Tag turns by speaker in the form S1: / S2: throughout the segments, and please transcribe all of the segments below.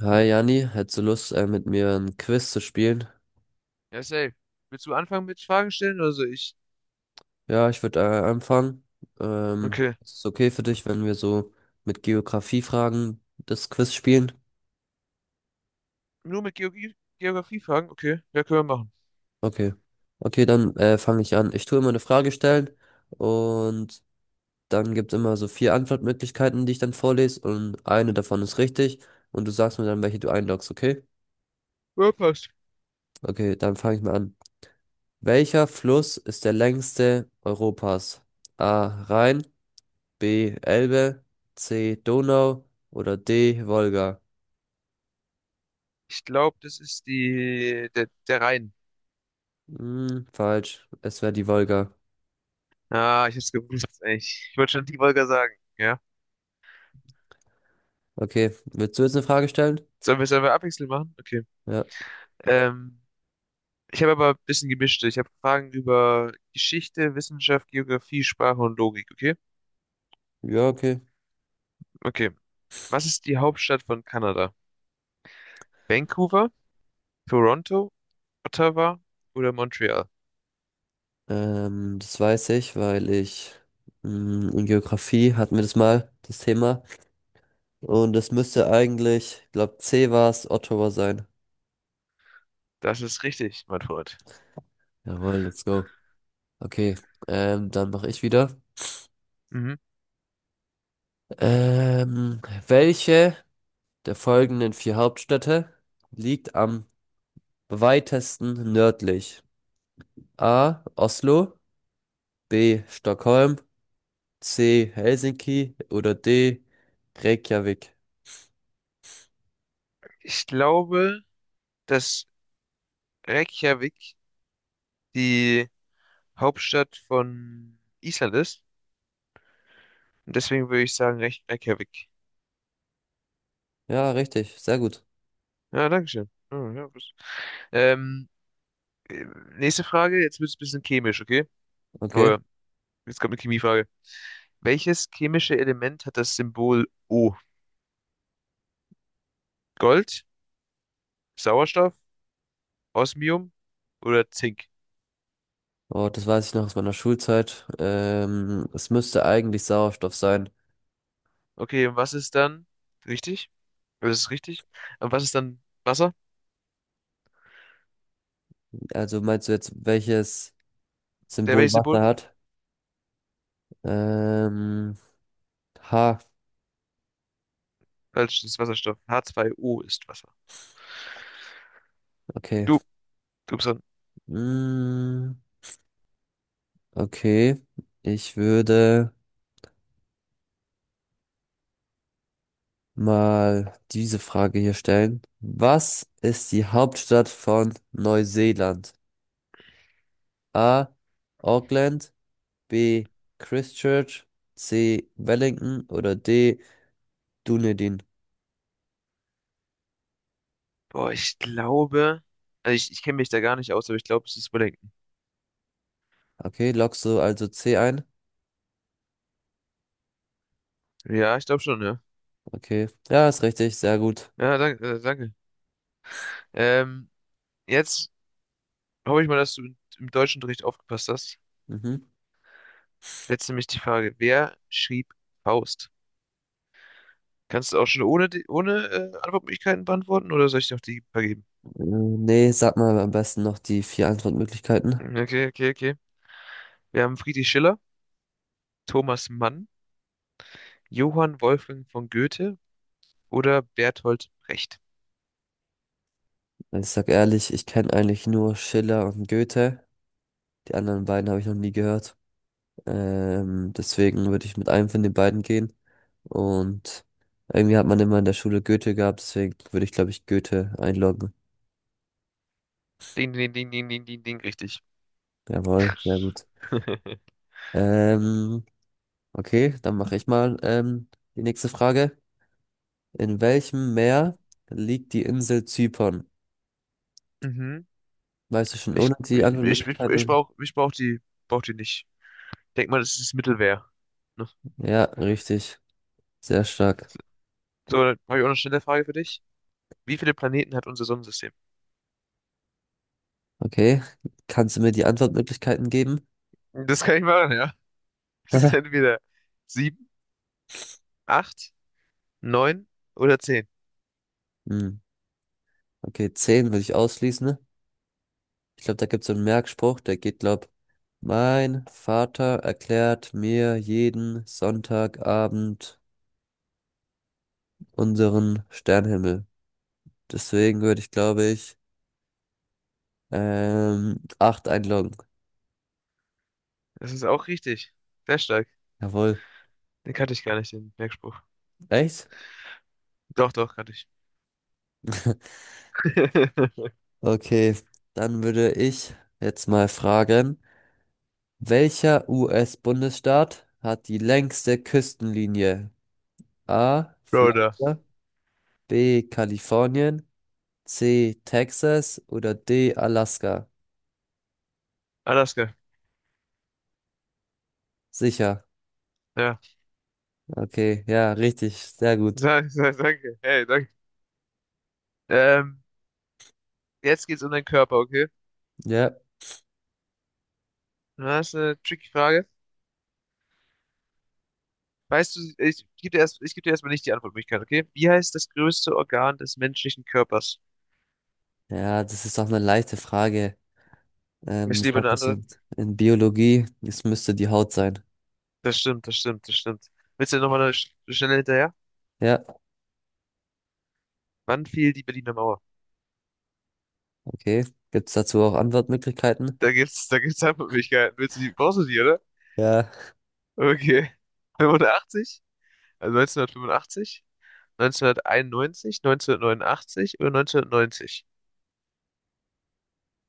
S1: Hi Jani, hättest du Lust, mit mir ein Quiz zu spielen?
S2: Ja, safe. Willst du anfangen mit Fragen stellen oder soll ich?
S1: Ja, ich würde anfangen.
S2: Okay.
S1: Ist es okay für dich, wenn wir so mit Geografiefragen das Quiz spielen?
S2: Nur mit Geografie, Geografiefragen? Okay, ja, können wir machen.
S1: Okay. Okay, dann fange ich an. Ich tue immer eine Frage stellen und dann gibt es immer so vier Antwortmöglichkeiten, die ich dann vorlese und eine davon ist richtig und du sagst mir dann, welche du einloggst, okay?
S2: Ja, passt.
S1: Okay, dann fange ich mal an. Welcher Fluss ist der längste Europas? A. Rhein. B. Elbe, C. Donau oder D. Wolga?
S2: Ich glaube, das ist der Rhein.
S1: Hm, falsch. Es wäre die Wolga.
S2: Ah, ich hab's gewusst, ey. Ich wollte schon die Wolga sagen, ja.
S1: Okay, willst du jetzt eine Frage stellen?
S2: Sollen wir es einfach abwechselnd machen? Okay.
S1: Ja.
S2: Ähm, ich habe aber ein bisschen gemischt. Ich habe Fragen über Geschichte, Wissenschaft, Geografie, Sprache und Logik, okay?
S1: Ja, okay.
S2: Okay. Was ist die Hauptstadt von Kanada? Vancouver, Toronto, Ottawa oder Montreal?
S1: Das weiß ich, weil ich in Geografie hatten wir das mal, das Thema. Und es müsste eigentlich, ich glaube, C war es, Ottawa sein.
S2: Das ist richtig, mein Freund.
S1: Jawohl, let's go. Okay, dann mache ich wieder.
S2: Mhm.
S1: Ähm, Welche der folgenden vier Hauptstädte liegt am weitesten nördlich? A. Oslo, B. Stockholm, C. Helsinki oder D. Reykjavik?
S2: Ich glaube, dass Reykjavik die Hauptstadt von Island ist. Und deswegen würde ich sagen Reykjavik.
S1: Ja, richtig, sehr gut.
S2: Ja, danke schön. Oh, ja, ähm, äh, nächste Frage, jetzt wird es ein bisschen chemisch, okay?
S1: Okay.
S2: Oh, jetzt kommt eine Chemiefrage. Welches chemische Element hat das Symbol O? Gold, Sauerstoff, Osmium oder Zink?
S1: Oh, das weiß ich noch aus meiner Schulzeit. Es müsste eigentlich Sauerstoff sein.
S2: Okay, und was ist dann richtig? Das ist richtig. Und was ist dann Wasser?
S1: Also meinst du jetzt, welches
S2: Der
S1: Symbol
S2: welches
S1: Wasser
S2: Symbol?
S1: hat? Ähm, H.
S2: Falsch, das ist Wasserstoff. H2O ist Wasser.
S1: Okay.
S2: Du, Gibson.
S1: Mm, okay. Ich würde mal diese Frage hier stellen. Was ist die Hauptstadt von Neuseeland? A. Auckland, B. Christchurch, C. Wellington oder D. Dunedin.
S2: Boah, ich glaube, also ich kenne mich da gar nicht aus, aber ich glaube, es ist Wellington.
S1: Okay, loggst du also C ein?
S2: Ja, ich glaube schon, ja.
S1: Okay, ja, ist richtig, sehr gut.
S2: Ja, danke, danke. Ähm, jetzt hoffe ich mal, dass du im Deutschunterricht aufgepasst hast.
S1: Mhm.
S2: Jetzt nämlich die Frage, wer schrieb Faust? Kannst du auch schon ohne Antwortmöglichkeiten beantworten oder soll ich dir noch die vergeben?
S1: Nee, sag mal am besten noch die vier Antwortmöglichkeiten.
S2: Okay, okay, okay. Wir haben Friedrich Schiller, Thomas Mann, Johann Wolfgang von Goethe oder Bertolt Brecht.
S1: Ich sag ehrlich, ich kenne eigentlich nur Schiller und Goethe. Die anderen beiden habe ich noch nie gehört. Deswegen würde ich mit einem von den beiden gehen. Und irgendwie hat man immer in der Schule Goethe gehabt, deswegen würde ich, glaube ich, Goethe einloggen.
S2: Ding, ding, ding, ding, ding, ding, ding, richtig.
S1: Jawohl, sehr gut. Ähm, okay, dann mache ich mal die nächste Frage. In welchem Meer liegt die Insel Zypern?
S2: Mhm.
S1: Weißt du schon,
S2: Ich,
S1: ohne die
S2: ich, ich, ich, ich
S1: Antwortmöglichkeiten?
S2: brauch, ich brauch die nicht. Denk mal, das ist Mittelwehr. Ne?
S1: Ja, richtig. Sehr stark.
S2: So, ja, dann habe ich auch noch schnell eine Frage für dich. Wie viele Planeten hat unser Sonnensystem?
S1: Okay, kannst du mir die Antwortmöglichkeiten geben?
S2: Das kann ich machen, ja. Das ist entweder sieben, acht, neun oder zehn.
S1: Hm. Okay, 10 würde ich ausschließen. Ich glaube, da gibt es so einen Merkspruch, der geht, glaub, mein Vater erklärt mir jeden Sonntagabend unseren Sternenhimmel. Deswegen würde ich, glaube ich, acht einloggen.
S2: Das ist auch richtig. Sehr stark.
S1: Jawohl.
S2: Den kannte ich gar nicht, den Merkspruch.
S1: Echt?
S2: Doch, doch, kannte ich.
S1: Okay, dann würde ich jetzt mal fragen, welcher US-Bundesstaat hat die längste Küstenlinie? A.
S2: Broder.
S1: Florida, B. Kalifornien, C. Texas oder D. Alaska?
S2: Alaska.
S1: Sicher.
S2: Ja.
S1: Okay, ja, richtig, sehr gut.
S2: Danke, danke. Hey, danke. Ähm, jetzt geht's um deinen Körper, okay?
S1: Ja,
S2: Das ist eine tricky Frage. Weißt du, ich gebe dir erstmal nicht die Antwortmöglichkeit, okay? Wie heißt das größte Organ des menschlichen Körpers?
S1: ja, das ist auch eine leichte Frage.
S2: Ich
S1: Das
S2: liebe eine
S1: hatte ich
S2: andere.
S1: in Biologie. Es müsste die Haut sein.
S2: Das stimmt, das stimmt, das stimmt. Willst du nochmal eine schnelle hinterher?
S1: Ja,
S2: Wann fiel die Berliner Mauer?
S1: okay. Gibt es dazu auch Antwortmöglichkeiten?
S2: Da gibt's Antwortmöglichkeiten. Willst du die, brauchst du die, oder?
S1: Ja.
S2: Okay. 85? Also 1985? 1991? 1989 oder 1990?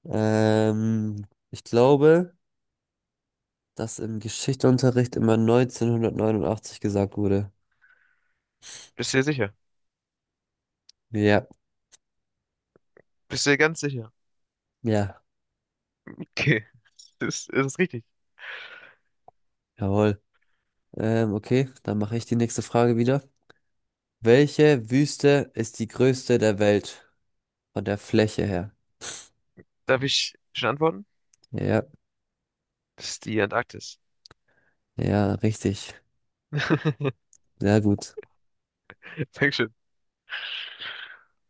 S1: Ich glaube, dass im Geschichtsunterricht immer 1989 gesagt wurde.
S2: Bist du dir sicher?
S1: Ja,
S2: Bist du dir ganz sicher?
S1: ja,
S2: Okay. Das ist richtig.
S1: jawohl. Okay, dann mache ich die nächste Frage wieder. Welche Wüste ist die größte der Welt von der Fläche her?
S2: Darf ich schon antworten?
S1: Ja,
S2: Das ist die Antarktis.
S1: ja, richtig. Sehr gut.
S2: Dankeschön.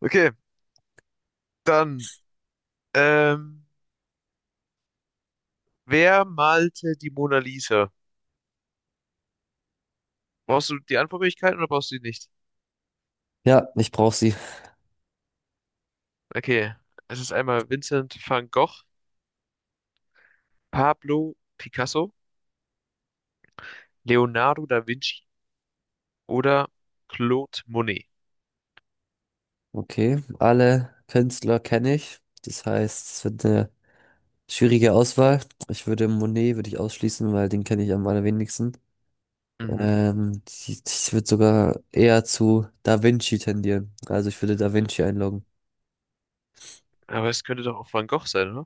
S2: Okay, dann, ähm, wer malte die Mona Lisa? Brauchst du die Antwortmöglichkeiten oder brauchst du die nicht?
S1: Ja, ich brauche sie.
S2: Okay, es ist einmal Vincent van Gogh, Pablo Picasso, Leonardo da Vinci oder Claude Monet.
S1: Okay, alle Künstler kenne ich. Das heißt, es wird eine schwierige Auswahl. Ich würde Monet würde ich ausschließen, weil den kenne ich am allerwenigsten.
S2: Mhm.
S1: Ich, würde sogar eher zu Da Vinci tendieren. Also ich würde Da Vinci einloggen.
S2: Aber es könnte doch auch Van Gogh sein, oder?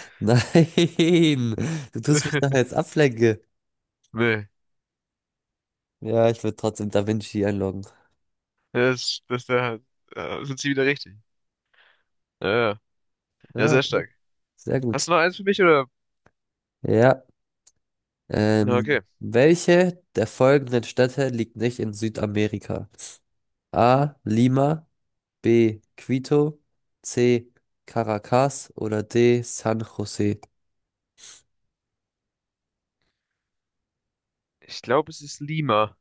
S1: Nein, du tust mich nachher jetzt ablenken.
S2: Nee,
S1: Ja, ich würde trotzdem Da Vinci einloggen.
S2: das, das da, da sind sie wieder richtig. Ja, ja, ja,
S1: Ja,
S2: sehr
S1: okay.
S2: stark.
S1: Sehr
S2: Hast
S1: gut.
S2: du noch eins für mich oder?
S1: Ja.
S2: Na, okay.
S1: Welche der folgenden Städte liegt nicht in Südamerika? A. Lima. B. Quito, C. Caracas oder D. San Jose.
S2: Ich glaube, es ist Lima.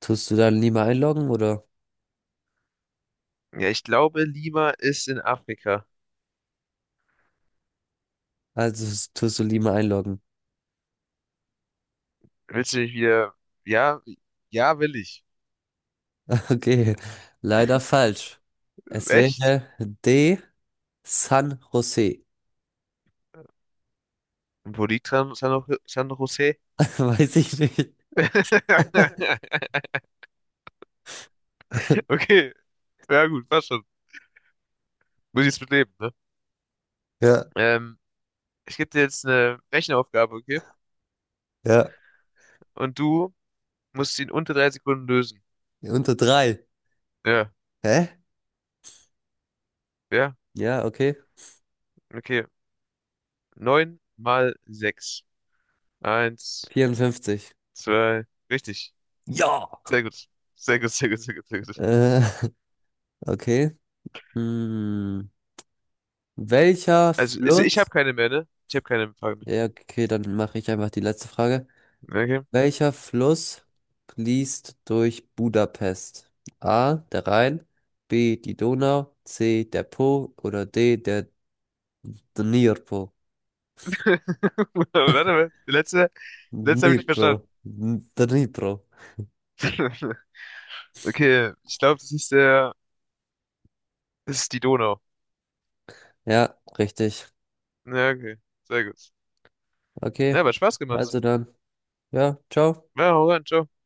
S1: Tust du dann Lima einloggen oder?
S2: Ja, ich glaube, Lima ist in Afrika.
S1: Also tust du Lima einloggen.
S2: Willst du mich wieder? Ja, ja, will ich.
S1: Okay, leider falsch. Es
S2: Echt?
S1: wäre D. San Jose.
S2: Und wo liegt San Jose?
S1: Weiß ich nicht.
S2: Okay, ja gut, passt schon. Muss ich jetzt mitleben, ne?
S1: Ja,
S2: Ähm, ich gebe dir jetzt eine Rechenaufgabe, okay?
S1: ja.
S2: Und du musst sie in unter 3 Sekunden lösen.
S1: Unter drei.
S2: Ja,
S1: Hä?
S2: ja,
S1: Ja, okay.
S2: okay. Neun mal sechs. Eins,
S1: 54.
S2: zwei, richtig.
S1: Ja.
S2: Sehr gut. Sehr gut, sehr gut, sehr gut, sehr gut.
S1: Äh, okay. Hm. Welcher
S2: Also, ich habe
S1: Fluss?
S2: keine mehr, ne? Ich habe keine Fragen
S1: Ja, okay, dann mache ich einfach die letzte Frage.
S2: mehr. Okay.
S1: Welcher Fluss fließt durch Budapest? A, der Rhein, B, die Donau, C, der Po oder D, der Dnipro.
S2: Warte mal, die letzte,
S1: Also,
S2: letzte habe ich nicht verstanden.
S1: Dnipro. Dnipro.
S2: Okay, ich glaube, das ist die Donau.
S1: Ja, richtig.
S2: Ja, okay, sehr gut.
S1: Okay,
S2: Ja, aber Spaß gemacht.
S1: also dann. Ja, ciao.
S2: Ja, hau rein, ciao.